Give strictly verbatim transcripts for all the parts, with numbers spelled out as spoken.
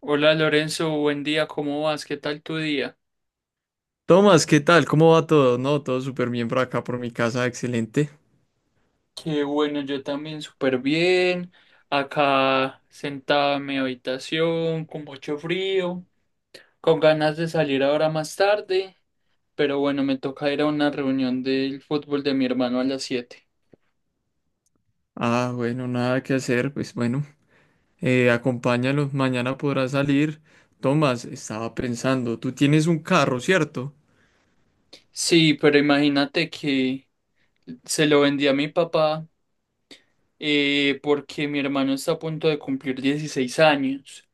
Hola Lorenzo, buen día, ¿cómo vas? ¿Qué tal tu día? Tomás, ¿qué tal? ¿Cómo va todo? No, todo súper bien por acá, por mi casa, excelente. Qué bueno, yo también súper bien. Acá sentado en mi habitación, con mucho frío, con ganas de salir ahora más tarde, pero bueno, me toca ir a una reunión del fútbol de mi hermano a las siete. Ah, bueno, nada que hacer, pues bueno, eh, acompáñalo, mañana podrá salir. Tomás, estaba pensando, tú tienes un carro, ¿cierto? Sí, pero imagínate que se lo vendí a mi papá eh, porque mi hermano está a punto de cumplir dieciséis años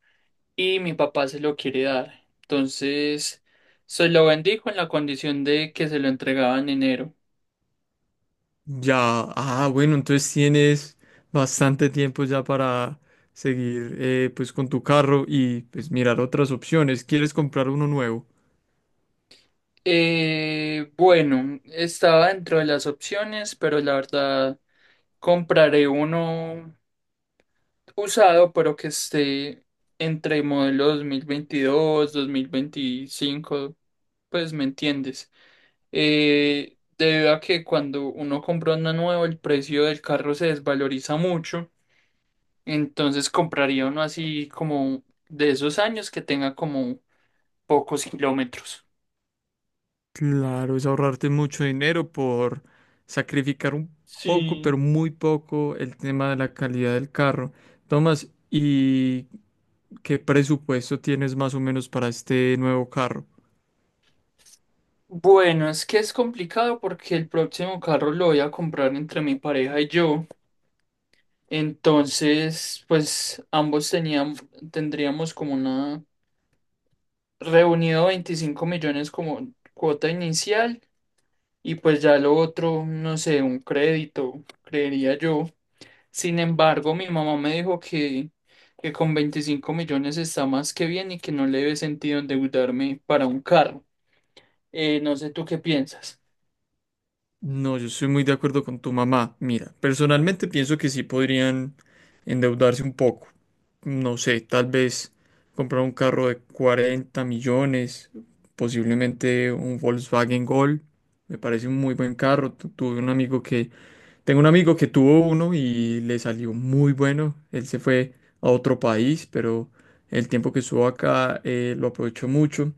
y mi papá se lo quiere dar. Entonces, se lo bendijo en la condición de que se lo entregaba en enero. Ya, ah, bueno, entonces tienes bastante tiempo ya para seguir, eh, pues con tu carro y pues mirar otras opciones. ¿Quieres comprar uno nuevo? Eh, bueno, estaba dentro de las opciones, pero la verdad compraré uno usado, pero que esté entre modelo dos mil veintidós, dos mil veinticinco, pues me entiendes. Eh, debido a que cuando uno compra uno nuevo, el precio del carro se desvaloriza mucho. Entonces compraría uno así como de esos años que tenga como pocos kilómetros. Claro, es ahorrarte mucho dinero por sacrificar un poco, Sí. pero muy poco, el tema de la calidad del carro. Tomás, ¿y qué presupuesto tienes más o menos para este nuevo carro? Bueno, es que es complicado porque el próximo carro lo voy a comprar entre mi pareja y yo. Entonces, pues ambos teníamos, tendríamos como una reunido veinticinco millones como cuota inicial y pues ya lo otro, no sé, un crédito, creería yo. Sin embargo, mi mamá me dijo que, que con veinticinco millones está más que bien y que no le ve sentido endeudarme para un carro. Eh, no sé tú qué piensas. No, yo estoy muy de acuerdo con tu mamá. Mira, personalmente pienso que sí podrían endeudarse un poco. No sé, tal vez comprar un carro de cuarenta millones, posiblemente un Volkswagen Gol. Me parece un muy buen carro. Tu- Tuve un amigo que Tengo un amigo que tuvo uno y le salió muy bueno. Él se fue a otro país, pero el tiempo que estuvo acá eh, lo aprovechó mucho.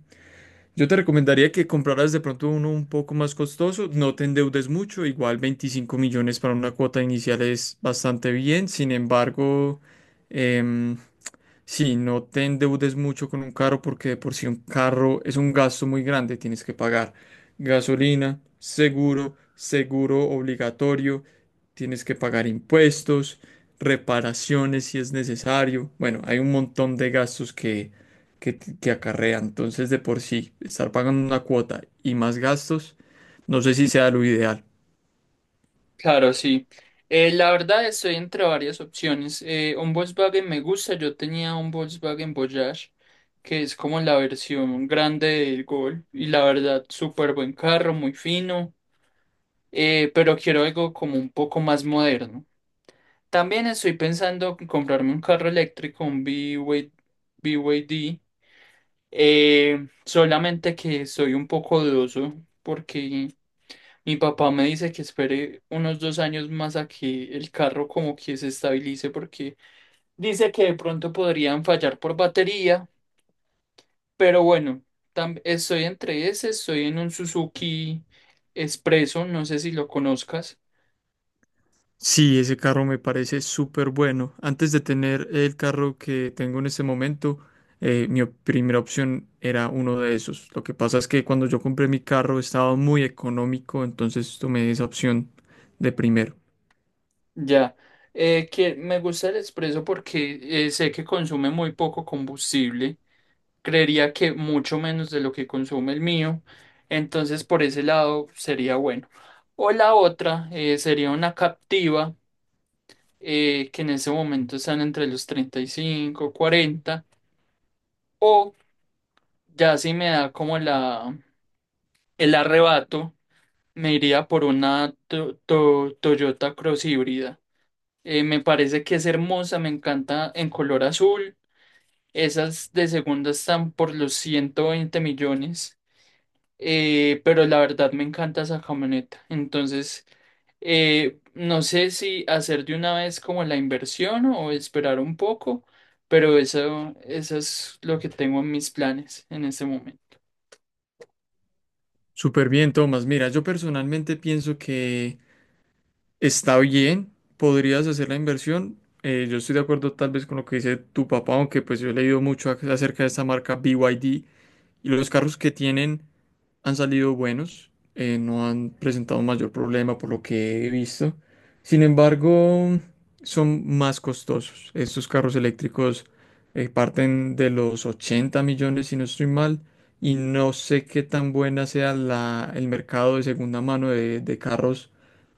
Yo te recomendaría que compraras de pronto uno un poco más costoso, no te endeudes mucho, igual veinticinco millones para una cuota inicial es bastante bien, sin embargo, em, sí, no te endeudes mucho con un carro porque de por sí un carro es un gasto muy grande, tienes que pagar gasolina, seguro, seguro obligatorio, tienes que pagar impuestos, reparaciones si es necesario. Bueno, hay un montón de gastos que, que, t- que acarrea. Entonces, de por sí, estar pagando una cuota y más gastos, no sé si sea lo ideal. Claro, sí. Eh, la verdad estoy entre varias opciones. Eh, un Volkswagen me gusta. Yo tenía un Volkswagen Voyage, que es como la versión grande del Gol. Y la verdad, súper buen carro, muy fino. Eh, pero quiero algo como un poco más moderno. También estoy pensando en comprarme un carro eléctrico, un BY B Y D, eh, solamente que soy un poco dudoso porque mi papá me dice que espere unos dos años más a que el carro como que se estabilice porque dice que de pronto podrían fallar por batería, pero bueno, tam- estoy entre ese, estoy en un Suzuki Expreso, no sé si lo conozcas. Sí, ese carro me parece súper bueno. Antes de tener el carro que tengo en este momento, eh, mi op- primera opción era uno de esos. Lo que pasa es que cuando yo compré mi carro estaba muy económico, entonces tomé esa opción de primero. Ya, eh, que me gusta el expreso porque eh, sé que consume muy poco combustible, creería que mucho menos de lo que consume el mío, entonces por ese lado sería bueno. O la otra eh, sería una Captiva eh, que en ese momento están entre los treinta y cinco, cuarenta o ya si me da como la, el arrebato, me iría por una to- to- Toyota Cross híbrida. Eh, me parece que es hermosa, me encanta en color azul. Esas de segunda están por los ciento veinte millones, eh, pero la verdad me encanta esa camioneta. Entonces, eh, no sé si hacer de una vez como la inversión o esperar un poco, pero eso, eso es lo que tengo en mis planes en este momento. Súper bien, Tomás. Mira, yo personalmente pienso que está bien, podrías hacer la inversión. Eh, yo estoy de acuerdo tal vez con lo que dice tu papá, aunque pues yo he leído mucho ac- acerca de esta marca B Y D y los carros que tienen han salido buenos, eh, no han presentado mayor problema por lo que he visto. Sin embargo, son más costosos. Estos carros eléctricos eh, parten de los ochenta millones, si no estoy mal, y no sé qué tan buena sea la, el mercado de segunda mano de, de carros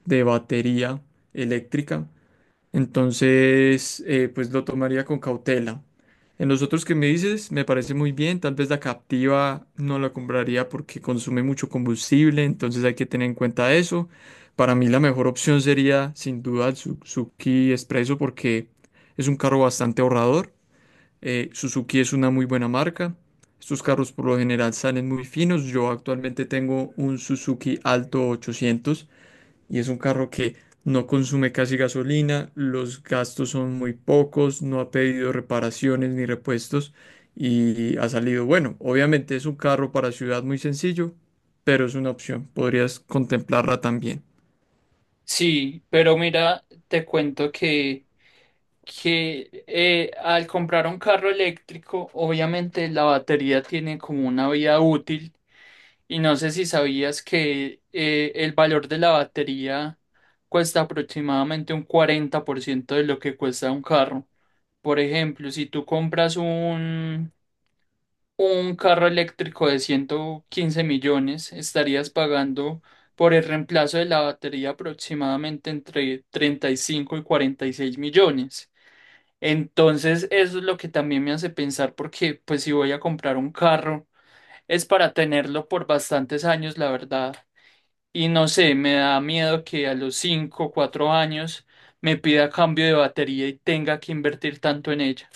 de batería eléctrica. Entonces, eh, pues lo tomaría con cautela. En los otros que me dices, me parece muy bien. Tal vez la Captiva no la compraría porque consume mucho combustible, entonces hay que tener en cuenta eso. Para mí la mejor opción sería sin duda el Suzuki Expresso porque es un carro bastante ahorrador. Eh, Suzuki es una muy buena marca. Estos carros por lo general salen muy finos. Yo actualmente tengo un Suzuki Alto ochocientos y es un carro que no consume casi gasolina, los gastos son muy pocos, no ha pedido reparaciones ni repuestos y ha salido bueno. Obviamente es un carro para ciudad muy sencillo, pero es una opción, podrías contemplarla también. Sí, pero mira, te cuento que, que eh, al comprar un carro eléctrico, obviamente la batería tiene como una vida útil. Y no sé si sabías que eh, el valor de la batería cuesta aproximadamente un cuarenta por ciento de lo que cuesta un carro. Por ejemplo, si tú compras un, un carro eléctrico de ciento quince millones, estarías pagando por el reemplazo de la batería aproximadamente entre treinta y cinco y y cuarenta y seis millones. Entonces, eso es lo que también me hace pensar porque, pues, si voy a comprar un carro, es para tenerlo por bastantes años, la verdad. Y no sé, me da miedo que a los cinco o cuatro años me pida cambio de batería y tenga que invertir tanto en ella.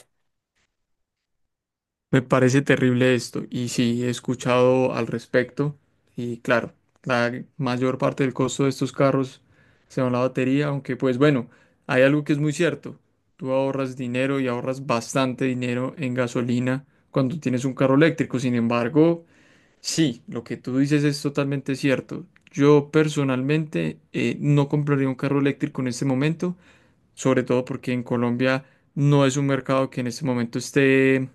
Me parece terrible esto y sí, he escuchado al respecto y claro, la mayor parte del costo de estos carros se va a la batería, aunque pues bueno, hay algo que es muy cierto, tú ahorras dinero y ahorras bastante dinero en gasolina cuando tienes un carro eléctrico, sin embargo, sí, lo que tú dices es totalmente cierto. Yo personalmente eh, no compraría un carro eléctrico en este momento, sobre todo porque en Colombia no es un mercado que en este momento esté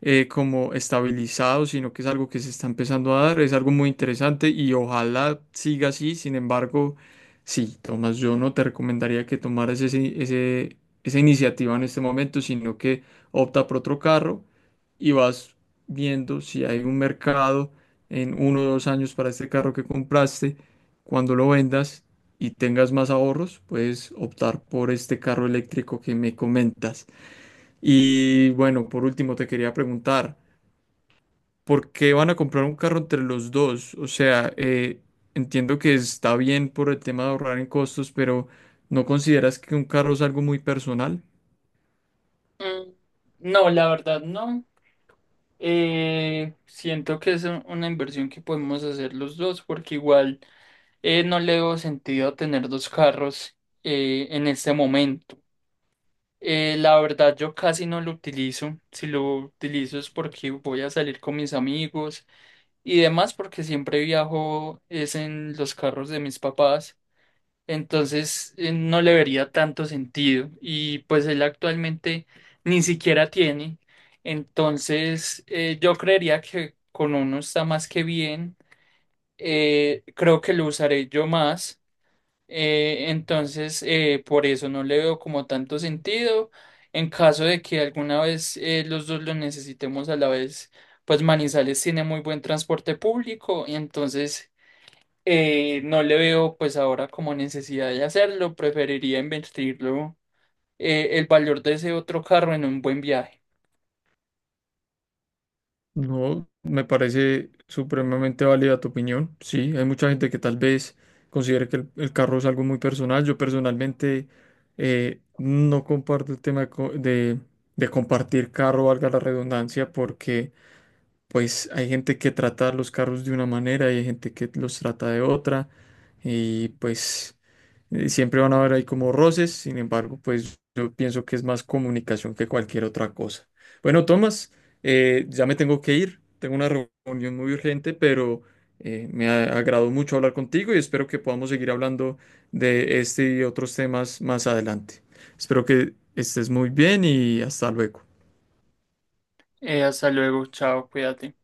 eh, como estabilizado, sino que es algo que se está empezando a dar, es algo muy interesante y ojalá siga así, sin embargo, sí, Tomás, yo no te recomendaría que tomaras ese, ese- esa iniciativa en este momento, sino que opta por otro carro y vas viendo si hay un mercado en uno o dos años para este carro que compraste, cuando lo vendas. Y tengas más ahorros, puedes optar por este carro eléctrico que me comentas. Y bueno, por último te quería preguntar, ¿por qué van a comprar un carro entre los dos? O sea, eh, entiendo que está bien por el tema de ahorrar en costos, pero ¿no consideras que un carro es algo muy personal? Mm, no, la verdad no. Eh, siento que es un- Una inversión que podemos hacer los dos porque igual eh, no le veo sentido tener dos carros eh, en este momento. Eh, la verdad yo casi no lo utilizo. Si lo utilizo es porque voy a salir con mis amigos y demás porque siempre viajo es en los carros de mis papás. Entonces eh, no le vería tanto sentido y pues él actualmente ni siquiera tiene. Entonces eh, yo creería que con uno está más que bien. Eh, creo que lo usaré yo más. Eh, entonces eh, por eso no le veo como tanto sentido. En caso de que alguna vez eh, los dos lo necesitemos a la vez, pues Manizales tiene muy buen transporte público y entonces... Eh, no le veo pues ahora como necesidad de hacerlo, preferiría invertirlo, eh, el valor de ese otro carro, en un buen viaje. No, me parece supremamente válida tu opinión. Sí, hay mucha gente que tal vez considere que el, el carro es algo muy personal. Yo personalmente eh, no comparto el tema de, co- de de compartir carro, valga la redundancia, porque pues hay gente que trata los carros de una manera y hay gente que los trata de otra y pues eh, siempre van a haber ahí como roces, sin embargo, pues yo pienso que es más comunicación que cualquier otra cosa. Bueno, Tomás, eh, ya me tengo que ir, tengo una reunión muy urgente, pero eh, me ha- agradó mucho hablar contigo y espero que podamos seguir hablando de este y otros temas más adelante. Espero que estés muy bien y hasta luego. Eh, hasta luego, chao, cuídate.